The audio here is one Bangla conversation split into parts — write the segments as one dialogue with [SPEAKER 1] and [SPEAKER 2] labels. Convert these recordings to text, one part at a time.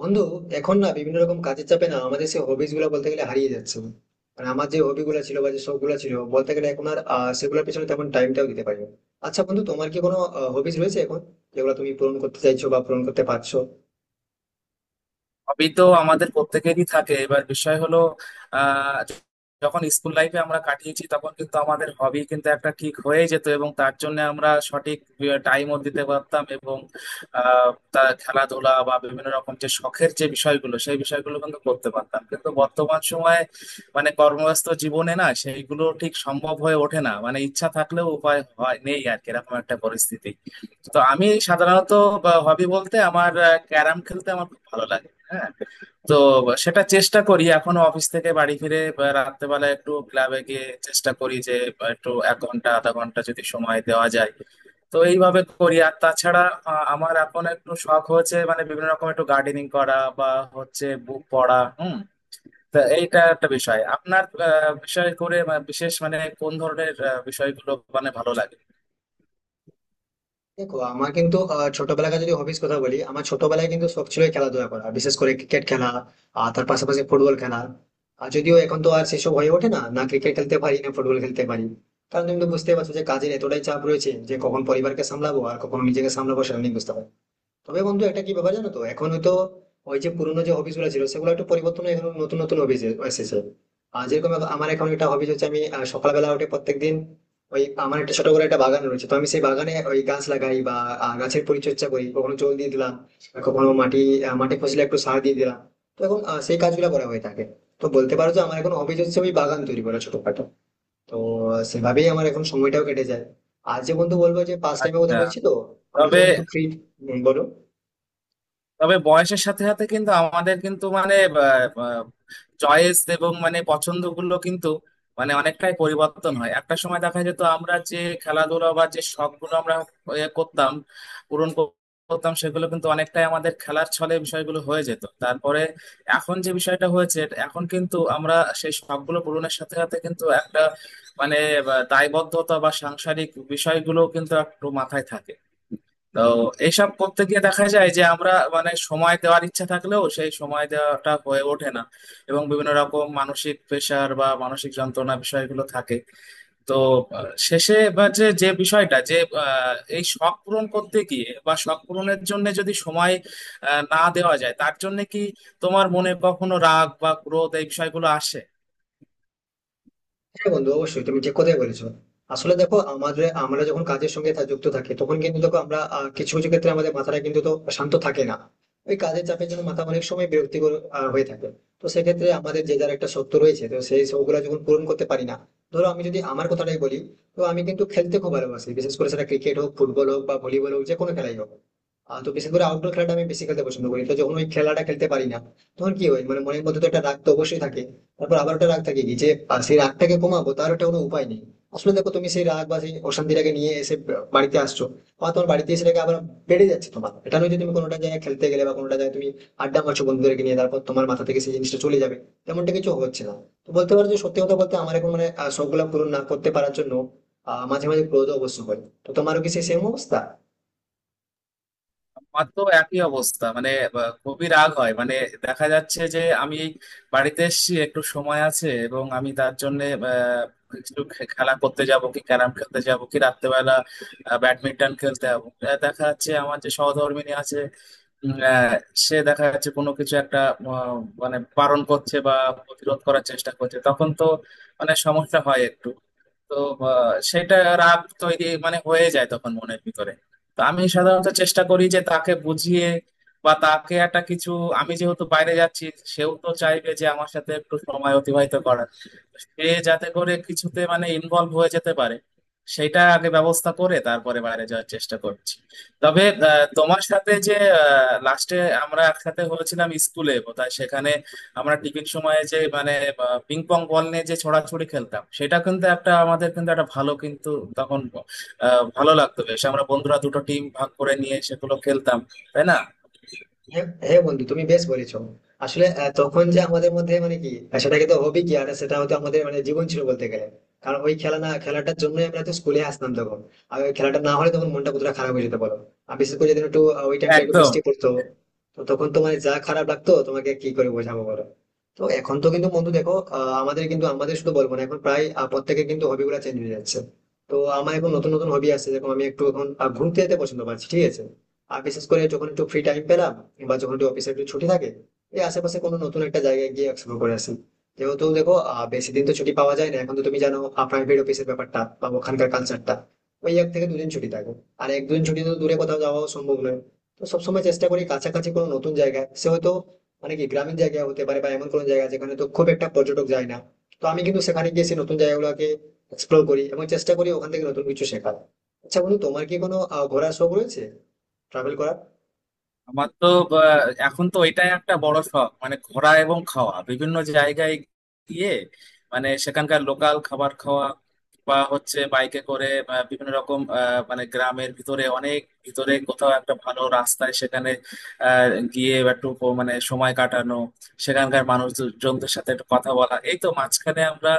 [SPEAKER 1] বন্ধু, এখন না বিভিন্ন রকম কাজের চাপে না আমাদের সেই হবিস গুলো বলতে গেলে হারিয়ে যাচ্ছে। মানে আমার যে হবি গুলো ছিল বা যে শখ গুলো ছিল বলতে গেলে এখন আর সেগুলোর পেছনে তেমন টাইমটাও দিতে পারি না। আচ্ছা বন্ধু, তোমার কি কোনো হবিস রয়েছে এখন, যেগুলো তুমি পূরণ করতে চাইছো বা পূরণ করতে পারছো?
[SPEAKER 2] হবি তো আমাদের প্রত্যেকেরই থাকে। এবার বিষয় হলো, আহ যখন স্কুল লাইফে আমরা কাটিয়েছি তখন কিন্তু আমাদের হবি কিন্তু একটা ঠিক হয়ে যেত, এবং তার জন্য আমরা সঠিক টাইমও দিতে পারতাম, এবং আহ তা খেলাধুলা বা বিভিন্ন রকম যে শখের যে বিষয়গুলো, সেই বিষয়গুলো কিন্তু করতে পারতাম। কিন্তু বর্তমান সময়ে, মানে কর্মব্যস্ত জীবনে না, সেইগুলো ঠিক সম্ভব হয়ে ওঠে না। মানে ইচ্ছা থাকলেও উপায় হয় নেই আর কি, এরকম একটা পরিস্থিতি। তো আমি সাধারণত হবি বলতে আমার, ক্যারাম খেলতে আমার খুব ভালো লাগে। হ্যাঁ, তো সেটা চেষ্টা করি এখনো অফিস থেকে বাড়ি ফিরে বা রাত্রেবেলা একটু ক্লাবে গিয়ে চেষ্টা করি যে, বা একটু 1 ঘন্টা আধা ঘন্টা যদি সময় দেওয়া যায়। তো এইভাবে করি। আর তাছাড়া আমার এখন একটু শখ হচ্ছে, মানে বিভিন্ন রকম একটু গার্ডেনিং করা বা হচ্ছে বুক পড়া। হুম, তা এইটা একটা বিষয়। আপনার বিষয় করে বা বিশেষ মানে কোন ধরনের বিষয়গুলো মানে ভালো লাগে?
[SPEAKER 1] দেখো, আমার কিন্তু ছোটবেলাকার যদি হবিস কথা বলি, আমার ছোটবেলায় কিন্তু সব ছিল এই খেলাধুলা করা, বিশেষ করে ক্রিকেট খেলা আর তার পাশাপাশি ফুটবল খেলা। আর যদিও এখন তো আর সেসব হয়ে ওঠে না, না ক্রিকেট খেলতে পারি, না ফুটবল খেলতে পারি। কারণ তুমি তো বুঝতেই পারছো যে কাজের এতটাই চাপ রয়েছে যে কখন পরিবারকে সামলাবো আর কখন নিজেকে সামলাবো সেটা আমি বুঝতে পারছি না। তবে বন্ধু, একটা কি ব্যাপার জানো তো, এখন হয়তো ওই যে পুরোনো যে হবিস গুলো ছিল সেগুলো একটু পরিবর্তন হয়ে এখন নতুন নতুন হবিস এসেছে। আর যেরকম এখন আমার এখন একটা হবিস হচ্ছে, আমি সকালবেলা উঠে প্রত্যেকদিন ওই আমার একটা ছোট করে একটা বাগান রয়েছে, তো আমি সেই বাগানে ওই গাছ লাগাই বা গাছের পরিচর্যা করি, কখনো জল দিয়ে দিলাম আর কখনো মাটি, মাটি ফসলে একটু সার দিয়ে দিলাম। তো এখন সেই কাজগুলো করা হয়ে থাকে। তো বলতে পারো যে আমার এখন হবিস হচ্ছে ওই বাগান তৈরি করা, ছোটখাটো। তো সেভাবেই আমার এখন সময়টাও কেটে যায়। আর যে বন্ধু বলবো যে পাস টাইমের কথা
[SPEAKER 2] আচ্ছা।
[SPEAKER 1] বলছি, তো আমরা
[SPEAKER 2] তবে
[SPEAKER 1] যখন একটু ফ্রি। বলো।
[SPEAKER 2] তবে বয়সের সাথে সাথে কিন্তু আমাদের কিন্তু, মানে চয়েস এবং মানে পছন্দগুলো কিন্তু, মানে অনেকটাই পরিবর্তন হয়। একটা সময় দেখা যেত আমরা যে খেলাধুলা বা যে শখগুলো আমরা এ করতাম, পূরণ কর- করতাম, সেগুলো কিন্তু অনেকটাই আমাদের খেলার ছলে বিষয়গুলো হয়ে যেত। তারপরে এখন যে বিষয়টা হয়েছে, এখন কিন্তু আমরা সেই শখগুলো পূরণের সাথে সাথে কিন্তু একটা, মানে দায়বদ্ধতা বা সাংসারিক বিষয়গুলো কিন্তু একটু মাথায় থাকে। তো এইসব করতে গিয়ে দেখা যায় যে আমরা, মানে সময় দেওয়ার ইচ্ছা থাকলেও সেই সময় দেওয়াটা হয়ে ওঠে না, এবং বিভিন্ন রকম মানসিক প্রেশার বা মানসিক যন্ত্রণা বিষয়গুলো থাকে। তো শেষে বা যে যে বিষয়টা যে এই শখ পূরণ করতে গিয়ে বা শখ পূরণের জন্য যদি সময় না দেওয়া যায়, তার জন্য কি তোমার মনে কখনো রাগ বা ক্রোধ এই বিষয়গুলো আসে?
[SPEAKER 1] হ্যাঁ বন্ধু, অবশ্যই, তুমি ঠিক কথাই বলেছো। আসলে দেখো, আমাদের আমরা যখন কাজের সঙ্গে যুক্ত থাকি, তখন কিন্তু দেখো আমরা কিছু কিছু ক্ষেত্রে আমাদের মাথাটা কিন্তু তো শান্ত থাকে না। ওই কাজের চাপের জন্য মাথা অনেক সময় বিরক্তিকর হয়ে থাকে। তো সেক্ষেত্রে আমাদের যে যার একটা সত্য রয়েছে, তো সেই সবগুলো যখন পূরণ করতে পারি না, ধরো আমি যদি আমার কথাটাই বলি, তো আমি কিন্তু খেলতে খুব ভালোবাসি, বিশেষ করে সেটা ক্রিকেট হোক, ফুটবল হোক বা ভলিবল হোক, যে কোনো খেলাই হোক। তো বিশেষ করে আউটডোর খেলাটা আমি বেশি খেলতে পছন্দ করি, তো যখন ওই খেলাটা খেলতে পারি না, তখন কি হয় মানে মনের মধ্যে তো একটা রাগ তো অবশ্যই থাকে। তারপর আবার একটা রাগ থাকে কি যে, সেই রাগটাকে কমাবো তার একটা কোনো উপায় নেই। আসলে দেখো, তুমি সেই রাগ বা সেই অশান্তিটাকে নিয়ে এসে বাড়িতে আসছো, বা তোমার বাড়িতে এসে সেটাকে আবার বেড়ে যাচ্ছে। তোমার এটা নয় যে তুমি কোনোটা জায়গায় খেলতে গেলে বা কোনোটা জায়গায় তুমি আড্ডা মারছো বন্ধুদেরকে নিয়ে, তারপর তোমার মাথা থেকে সেই জিনিসটা চলে যাবে, তেমনটা কিছু হচ্ছে না। তো বলতে পারো যে সত্যি কথা বলতে আমার এখন মানে সবগুলা পূরণ না করতে পারার জন্য মাঝে মাঝে ক্রোধ অবশ্য হয়। তো তোমারও কি সেই সেম অবস্থা?
[SPEAKER 2] আমার তো একই অবস্থা। মানে খুবই রাগ হয়। মানে দেখা যাচ্ছে যে আমি এই বাড়িতে এসেছি, একটু সময় আছে, এবং আমি তার জন্য কিছু খেলা করতে যাব, কি ক্যারাম খেলতে যাব, কি রাত্রেবেলা ব্যাডমিন্টন খেলতে যাবো। দেখা যাচ্ছে আমার যে সহধর্মিণী আছে, উম, আহ, সে দেখা যাচ্ছে কোনো কিছু একটা আহ, মানে বারণ করছে বা প্রতিরোধ করার চেষ্টা করছে, তখন তো মানে সমস্যা হয় একটু। তো সেটা রাগ তৈরি, মানে হয়ে যায় তখন মনের ভিতরে। তো আমি সাধারণত চেষ্টা করি যে তাকে বুঝিয়ে বা তাকে একটা কিছু, আমি যেহেতু বাইরে যাচ্ছি, সেও তো চাইবে যে আমার সাথে একটু সময় অতিবাহিত করার, সে যাতে করে কিছুতে মানে ইনভলভ হয়ে যেতে পারে, সেটা আগে ব্যবস্থা করে তারপরে বাইরে যাওয়ার চেষ্টা করছি। তবে তোমার সাথে যে লাস্টে আমরা একসাথে হয়েছিলাম স্কুলে বোধহয়, সেখানে আমরা টিফিন সময়ে যে মানে পিং পং বল নিয়ে যে ছোড়াছুড়ি খেলতাম, সেটা কিন্তু একটা আমাদের কিন্তু একটা ভালো কিন্তু, তখন ভালো লাগতো বেশ। আমরা বন্ধুরা দুটো টিম ভাগ করে নিয়ে সেগুলো খেলতাম, তাই না?
[SPEAKER 1] হ্যাঁ হ্যাঁ বন্ধু, তুমি বেশ বলেছো। আসলে তখন যে আমাদের মধ্যে মানে কি সেটাকে তো হবি কি, আর সেটা হয়তো আমাদের মানে জীবন ছিল বলতে গেলে। কারণ ওই খেলা না খেলাটার জন্যই আমরা তো স্কুলে আসতাম তখন। আর ওই খেলাটা না হলে তখন মনটা কতটা খারাপ হয়ে যেতে পারো। আর বিশেষ করে যেদিন একটু ওই টাইমটা একটু বৃষ্টি
[SPEAKER 2] একদম।
[SPEAKER 1] পড়তো, তো তখন তো মানে যা খারাপ লাগতো তোমাকে কি করে বোঝাবো বলো। তো এখন তো কিন্তু বন্ধু দেখো, আমাদের কিন্তু আমাদের শুধু বলবো না, এখন প্রায় প্রত্যেকের কিন্তু হবি গুলা চেঞ্জ হয়ে যাচ্ছে। তো আমার এখন নতুন নতুন হবি আছে, যেরকম আমি একটু এখন ঘুরতে যেতে পছন্দ পাচ্ছি, ঠিক আছে। আর বিশেষ করে যখন একটু ফ্রি টাইম পেলাম বা যখন একটু অফিসে একটু ছুটি থাকে, এই আশেপাশে কোনো নতুন একটা জায়গায় গিয়ে এক্সপ্লোর করে আসি। যেহেতু দেখো বেশি দিন তো ছুটি পাওয়া যায় না, এখন তো তুমি জানো প্রাইভেট অফিসের ব্যাপারটা বা ওখানকার কালচারটা, ওই এক থেকে দুদিন ছুটি থাকে। আর এক দুদিন ছুটি তো দূরে কোথাও যাওয়াও সম্ভব নয়। তো সবসময় চেষ্টা করি কাছাকাছি কোনো নতুন জায়গায়, সে হয়তো মানে কি গ্রামীণ জায়গা হতে পারে বা এমন কোনো জায়গা যেখানে তো খুব একটা পর্যটক যায় না। তো আমি কিন্তু সেখানে গিয়ে সেই নতুন জায়গাগুলোকে এক্সপ্লোর করি এবং চেষ্টা করি ওখান থেকে নতুন কিছু শেখার। আচ্ছা বন্ধু, তোমার কি কোনো ঘোরার শখ রয়েছে, ট্রাভেল করার?
[SPEAKER 2] আমার তো বা, এখন তো এটাই একটা বড় শখ, মানে ঘোরা এবং খাওয়া বিভিন্ন জায়গায় গিয়ে, মানে সেখানকার লোকাল খাবার খাওয়া, বা হচ্ছে বাইকে করে বা বিভিন্ন রকম মানে গ্রামের ভিতরে অনেক ভিতরে কোথাও একটা ভালো রাস্তায় সেখানে আহ, গিয়ে একটু মানে সময় কাটানো, সেখানকার মানুষজনদের সাথে একটু কথা বলা। এই তো মাঝখানে আমরা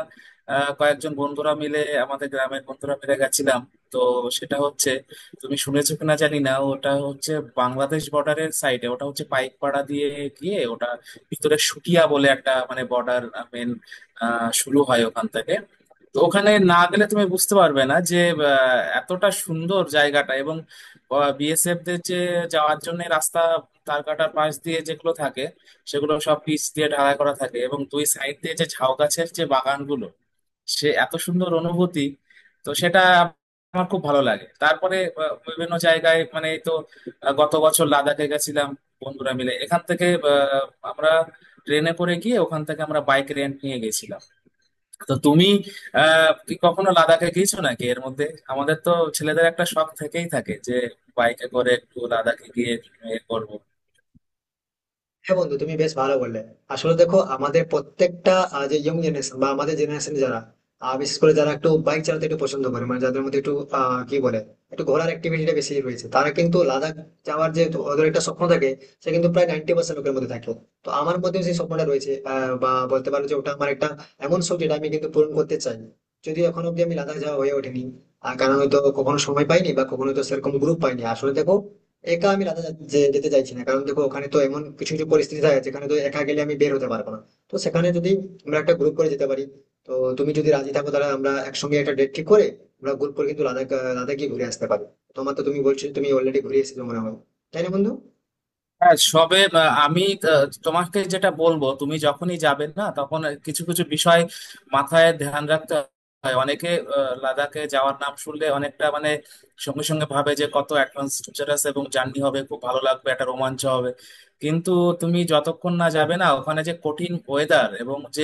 [SPEAKER 2] কয়েকজন বন্ধুরা মিলে, আমাদের গ্রামের বন্ধুরা মিলে গেছিলাম। তো সেটা হচ্ছে, তুমি শুনেছো কিনা জানি না, ওটা হচ্ছে বাংলাদেশ বর্ডারের সাইডে, ওটা হচ্ছে পাইকপাড়া দিয়ে গিয়ে ওটা ভিতরে শুটিয়া বলে একটা মানে বর্ডার মেন শুরু হয় ওখান থেকে। তো ওখানে না গেলে তুমি বুঝতে পারবে না যে এতটা সুন্দর জায়গাটা, এবং বিএসএফ দের যে যাওয়ার জন্য রাস্তা, তার কাটার পাশ দিয়ে যেগুলো থাকে সেগুলো সব পিচ দিয়ে ঢালাই করা থাকে, এবং দুই সাইড দিয়ে যে ঝাউ গাছের যে বাগানগুলো, সে এত সুন্দর অনুভূতি। তো সেটা আমার খুব ভালো লাগে। তারপরে বিভিন্ন জায়গায়, মানে এই তো গত বছর লাদাখে গেছিলাম বন্ধুরা মিলে এখান থেকে। আহ, আমরা ট্রেনে করে গিয়ে ওখান থেকে আমরা বাইক রেন্ট নিয়ে গেছিলাম। তো তুমি কি কখনো লাদাখে গিয়েছো নাকি এর মধ্যে? আমাদের তো ছেলেদের একটা শখ থেকেই থাকে যে বাইকে করে একটু লাদাখে গিয়ে এ করবো।
[SPEAKER 1] হ্যাঁ বন্ধু, তুমি বেশ ভালো বললে। আসলে দেখো আমাদের প্রত্যেকটা যে ইয়ং জেনারেশন বা আমাদের জেনারেশন যারা বিশেষ করে যারা একটু বাইক চালাতে একটু পছন্দ করে, মানে যাদের মধ্যে একটু কি বলে, একটু ঘোরার অ্যাক্টিভিটিটা বেশি রয়েছে, তারা কিন্তু লাদাখ যাওয়ার যে ওদের একটা স্বপ্ন থাকে, সে কিন্তু প্রায় 90% লোকের মধ্যে থাকে। তো আমার মধ্যেও সেই স্বপ্নটা রয়েছে, বা বলতে পারো যে ওটা আমার একটা এমন শখ যেটা আমি কিন্তু পূরণ করতে চাই। যদিও এখন অব্দি আমি লাদাখ যাওয়া হয়ে ওঠেনি। আর কারণ হয়তো কখনো সময় পাইনি বা কখনো তো সেরকম গ্রুপ পাইনি। আসলে দেখো, একা আমি রাতে যেতে চাইছি না, কারণ দেখো ওখানে তো এমন কিছু কিছু পরিস্থিতি থাকে যেখানে তো একা গেলে আমি বের হতে পারবো না। তো সেখানে যদি আমরা একটা গ্রুপ করে যেতে পারি, তো তুমি যদি রাজি থাকো তাহলে আমরা একসঙ্গে একটা ডেট ঠিক করে আমরা গ্রুপ করে কিন্তু লাদাখ লাদাখ গিয়ে ঘুরে আসতে পারি। তোমার তো, তুমি বলছো তুমি অলরেডি ঘুরে এসেছো মনে হয়, তাই না বন্ধু?
[SPEAKER 2] হ্যাঁ, সবে আমি তোমাকে যেটা বলবো, তুমি যখনই যাবে না তখন কিছু কিছু বিষয় মাথায় ধ্যান রাখতে হয়। অনেকে লাদাখে যাওয়ার নাম শুনলে অনেকটা মানে সঙ্গে সঙ্গে ভাবে যে কত অ্যাডভান্স টিচার আছে এবং জার্নি হবে, খুব ভালো লাগবে, একটা রোমাঞ্চ হবে। কিন্তু তুমি যতক্ষণ না যাবে না, ওখানে যে কঠিন ওয়েদার এবং যে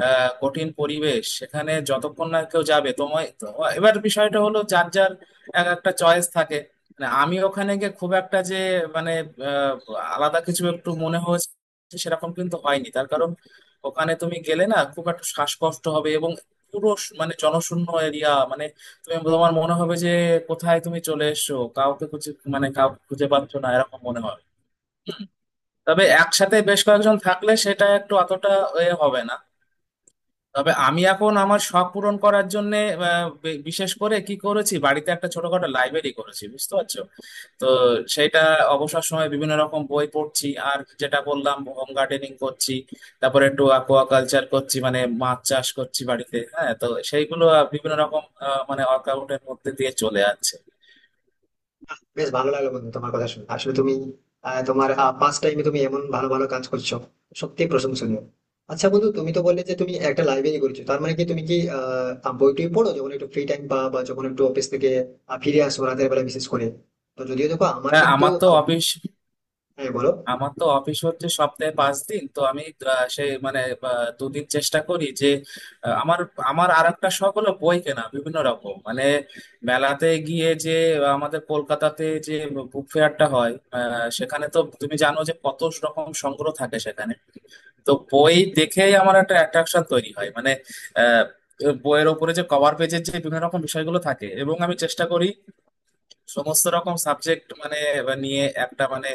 [SPEAKER 2] কঠিন পরিবেশ, সেখানে যতক্ষণ না কেউ যাবে তোমায় এবার বিষয়টা হলো যার যার এক একটা চয়েস থাকে। মানে আমি ওখানে গিয়ে খুব একটা যে মানে আহ, আলাদা কিছু একটু মনে হয়েছে সেরকম কিন্তু হয়নি, তার কারণ ওখানে তুমি গেলে না খুব একটা শ্বাসকষ্ট হবে, এবং পুরো মানে জনশূন্য এরিয়া, মানে তুমি, তোমার মনে হবে যে কোথায় তুমি চলে এসছো, কাউকে খুঁজে মানে কাউকে খুঁজে পাচ্ছ না, এরকম মনে হবে। তবে একসাথে বেশ কয়েকজন থাকলে সেটা একটু অতটা এ হবে না। তবে আমি এখন আমার শখ পূরণ করার জন্য বিশেষ করে কি করেছি, বাড়িতে একটা ছোটখাটো লাইব্রেরি করেছি, বুঝতে পারছো? তো সেটা অবসর সময়ে বিভিন্ন রকম বই পড়ছি, আর যেটা বললাম হোম গার্ডেনিং করছি, তারপরে একটু অ্যাকোয়াকালচার করছি, মানে মাছ চাষ করছি বাড়িতে। হ্যাঁ, তো সেইগুলো বিভিন্ন রকম মানে ওয়ার্কআউটের মধ্যে দিয়ে চলে যাচ্ছে।
[SPEAKER 1] বেশ ভালো লাগলো বন্ধু তোমার কথা শুনে। আসলে তুমি তোমার পাস টাইমে তুমি এমন ভালো ভালো কাজ করছো, সত্যি প্রশংসনীয়। আচ্ছা বন্ধু, তুমি তো বললে যে তুমি একটা লাইব্রেরি করেছো, তার মানে কি তুমি কি বই টই পড়ো যখন একটু ফ্রি টাইম পা, বা যখন একটু অফিস থেকে ফিরে আসো রাতের বেলা, বিশেষ করে? তো যদিও দেখো আমার
[SPEAKER 2] হ্যাঁ,
[SPEAKER 1] কিন্তু
[SPEAKER 2] আমার তো
[SPEAKER 1] আহ,
[SPEAKER 2] অফিস,
[SPEAKER 1] হ্যাঁ বলো।
[SPEAKER 2] আমার তো অফিস হচ্ছে সপ্তাহে 5 দিন। তো আমি সেই মানে 2 দিন চেষ্টা করি যে আমার, আমার আর একটা শখ হলো বই কেনা, বিভিন্ন রকম মানে মেলাতে গিয়ে যে আমাদের কলকাতাতে যে বুক ফেয়ারটা হয় সেখানে তো তুমি জানো যে কত রকম সংগ্রহ থাকে সেখানে। তো বই দেখেই আমার একটা অ্যাট্রাকশন তৈরি হয়, মানে আহ বইয়ের ওপরে যে কভার পেজের যে বিভিন্ন রকম বিষয়গুলো থাকে, এবং আমি চেষ্টা করি সমস্ত রকম সাবজেক্ট মানে এবার নিয়ে একটা মানে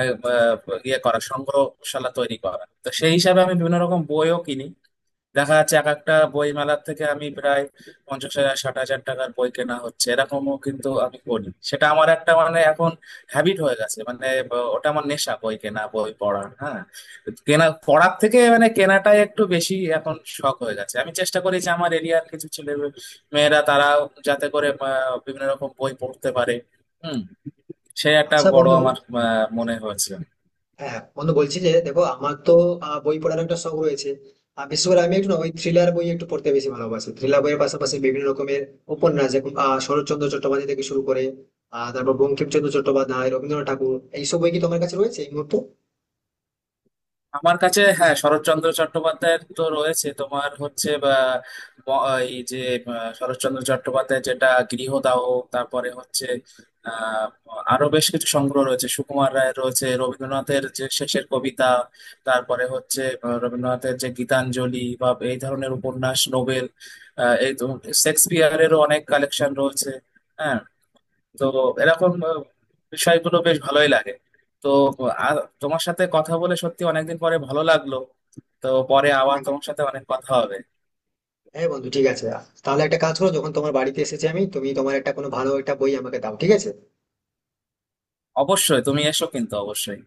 [SPEAKER 2] আহ, আহ, ইয়ে করা সংগ্রহশালা তৈরি করা। তো সেই হিসাবে আমি বিভিন্ন রকম বইও কিনি। দেখা যাচ্ছে এক একটা বই মেলার থেকে আমি প্রায় 50,000 60,000 টাকার বই কেনা হচ্ছে, এরকমও কিন্তু আমি করি। সেটা আমার একটা মানে এখন হ্যাবিট হয়ে গেছে। মানে ওটা আমার নেশা, বই কেনা বই পড়া। হ্যাঁ, কেনা পড়ার থেকে মানে কেনাটাই একটু বেশি এখন শখ হয়ে গেছে। আমি চেষ্টা করি যে আমার এরিয়ার কিছু ছেলে মেয়েরা তারা যাতে করে বিভিন্ন রকম বই পড়তে পারে। হুম, সে একটা
[SPEAKER 1] আচ্ছা
[SPEAKER 2] বড়
[SPEAKER 1] বন্ধু,
[SPEAKER 2] আমার মনে হয়েছে।
[SPEAKER 1] হ্যাঁ বন্ধু, বলছি যে দেখো আমার তো বই পড়ার একটা শখ রয়েছে। বিশেষ করে আমি একটু না ওই থ্রিলার বই একটু পড়তে বেশি ভালোবাসি। থ্রিলার বইয়ের পাশাপাশি বিভিন্ন রকমের উপন্যাস, যেমন শরৎচন্দ্র চট্টোপাধ্যায় থেকে শুরু করে তারপর বঙ্কিমচন্দ্র চট্টোপাধ্যায়, রবীন্দ্রনাথ ঠাকুর, এইসব বই কি তোমার কাছে রয়েছে এই মুহূর্তে?
[SPEAKER 2] আমার কাছে হ্যাঁ, শরৎচন্দ্র চট্টোপাধ্যায়ের তো রয়েছে। তোমার হচ্ছে বা এই যে শরৎচন্দ্র চট্টোপাধ্যায় যেটা গৃহদাহ, তারপরে হচ্ছে আহ আরো বেশ কিছু সংগ্রহ রয়েছে, সুকুমার রায়ের রয়েছে, রবীন্দ্রনাথের যে শেষের কবিতা, তারপরে হচ্ছে রবীন্দ্রনাথের যে গীতাঞ্জলি বা এই ধরনের উপন্যাস নোবেল। এই তো শেক্সপিয়ারেরও অনেক কালেকশন রয়েছে। হ্যাঁ, তো এরকম বিষয়গুলো বেশ ভালোই লাগে। তো আর তোমার সাথে কথা বলে সত্যি অনেকদিন পরে ভালো লাগলো। তো পরে আবার
[SPEAKER 1] হ্যাঁ
[SPEAKER 2] তোমার সাথে অনেক কথা হবে।
[SPEAKER 1] হ্যাঁ বন্ধু, ঠিক আছে। তাহলে একটা কাজ করো, যখন তোমার বাড়িতে এসেছি আমি, তুমি তোমার একটা কোনো ভালো একটা বই আমাকে দাও, ঠিক আছে।
[SPEAKER 2] অবশ্যই, তুমি এসো, কিন্তু অবশ্যই।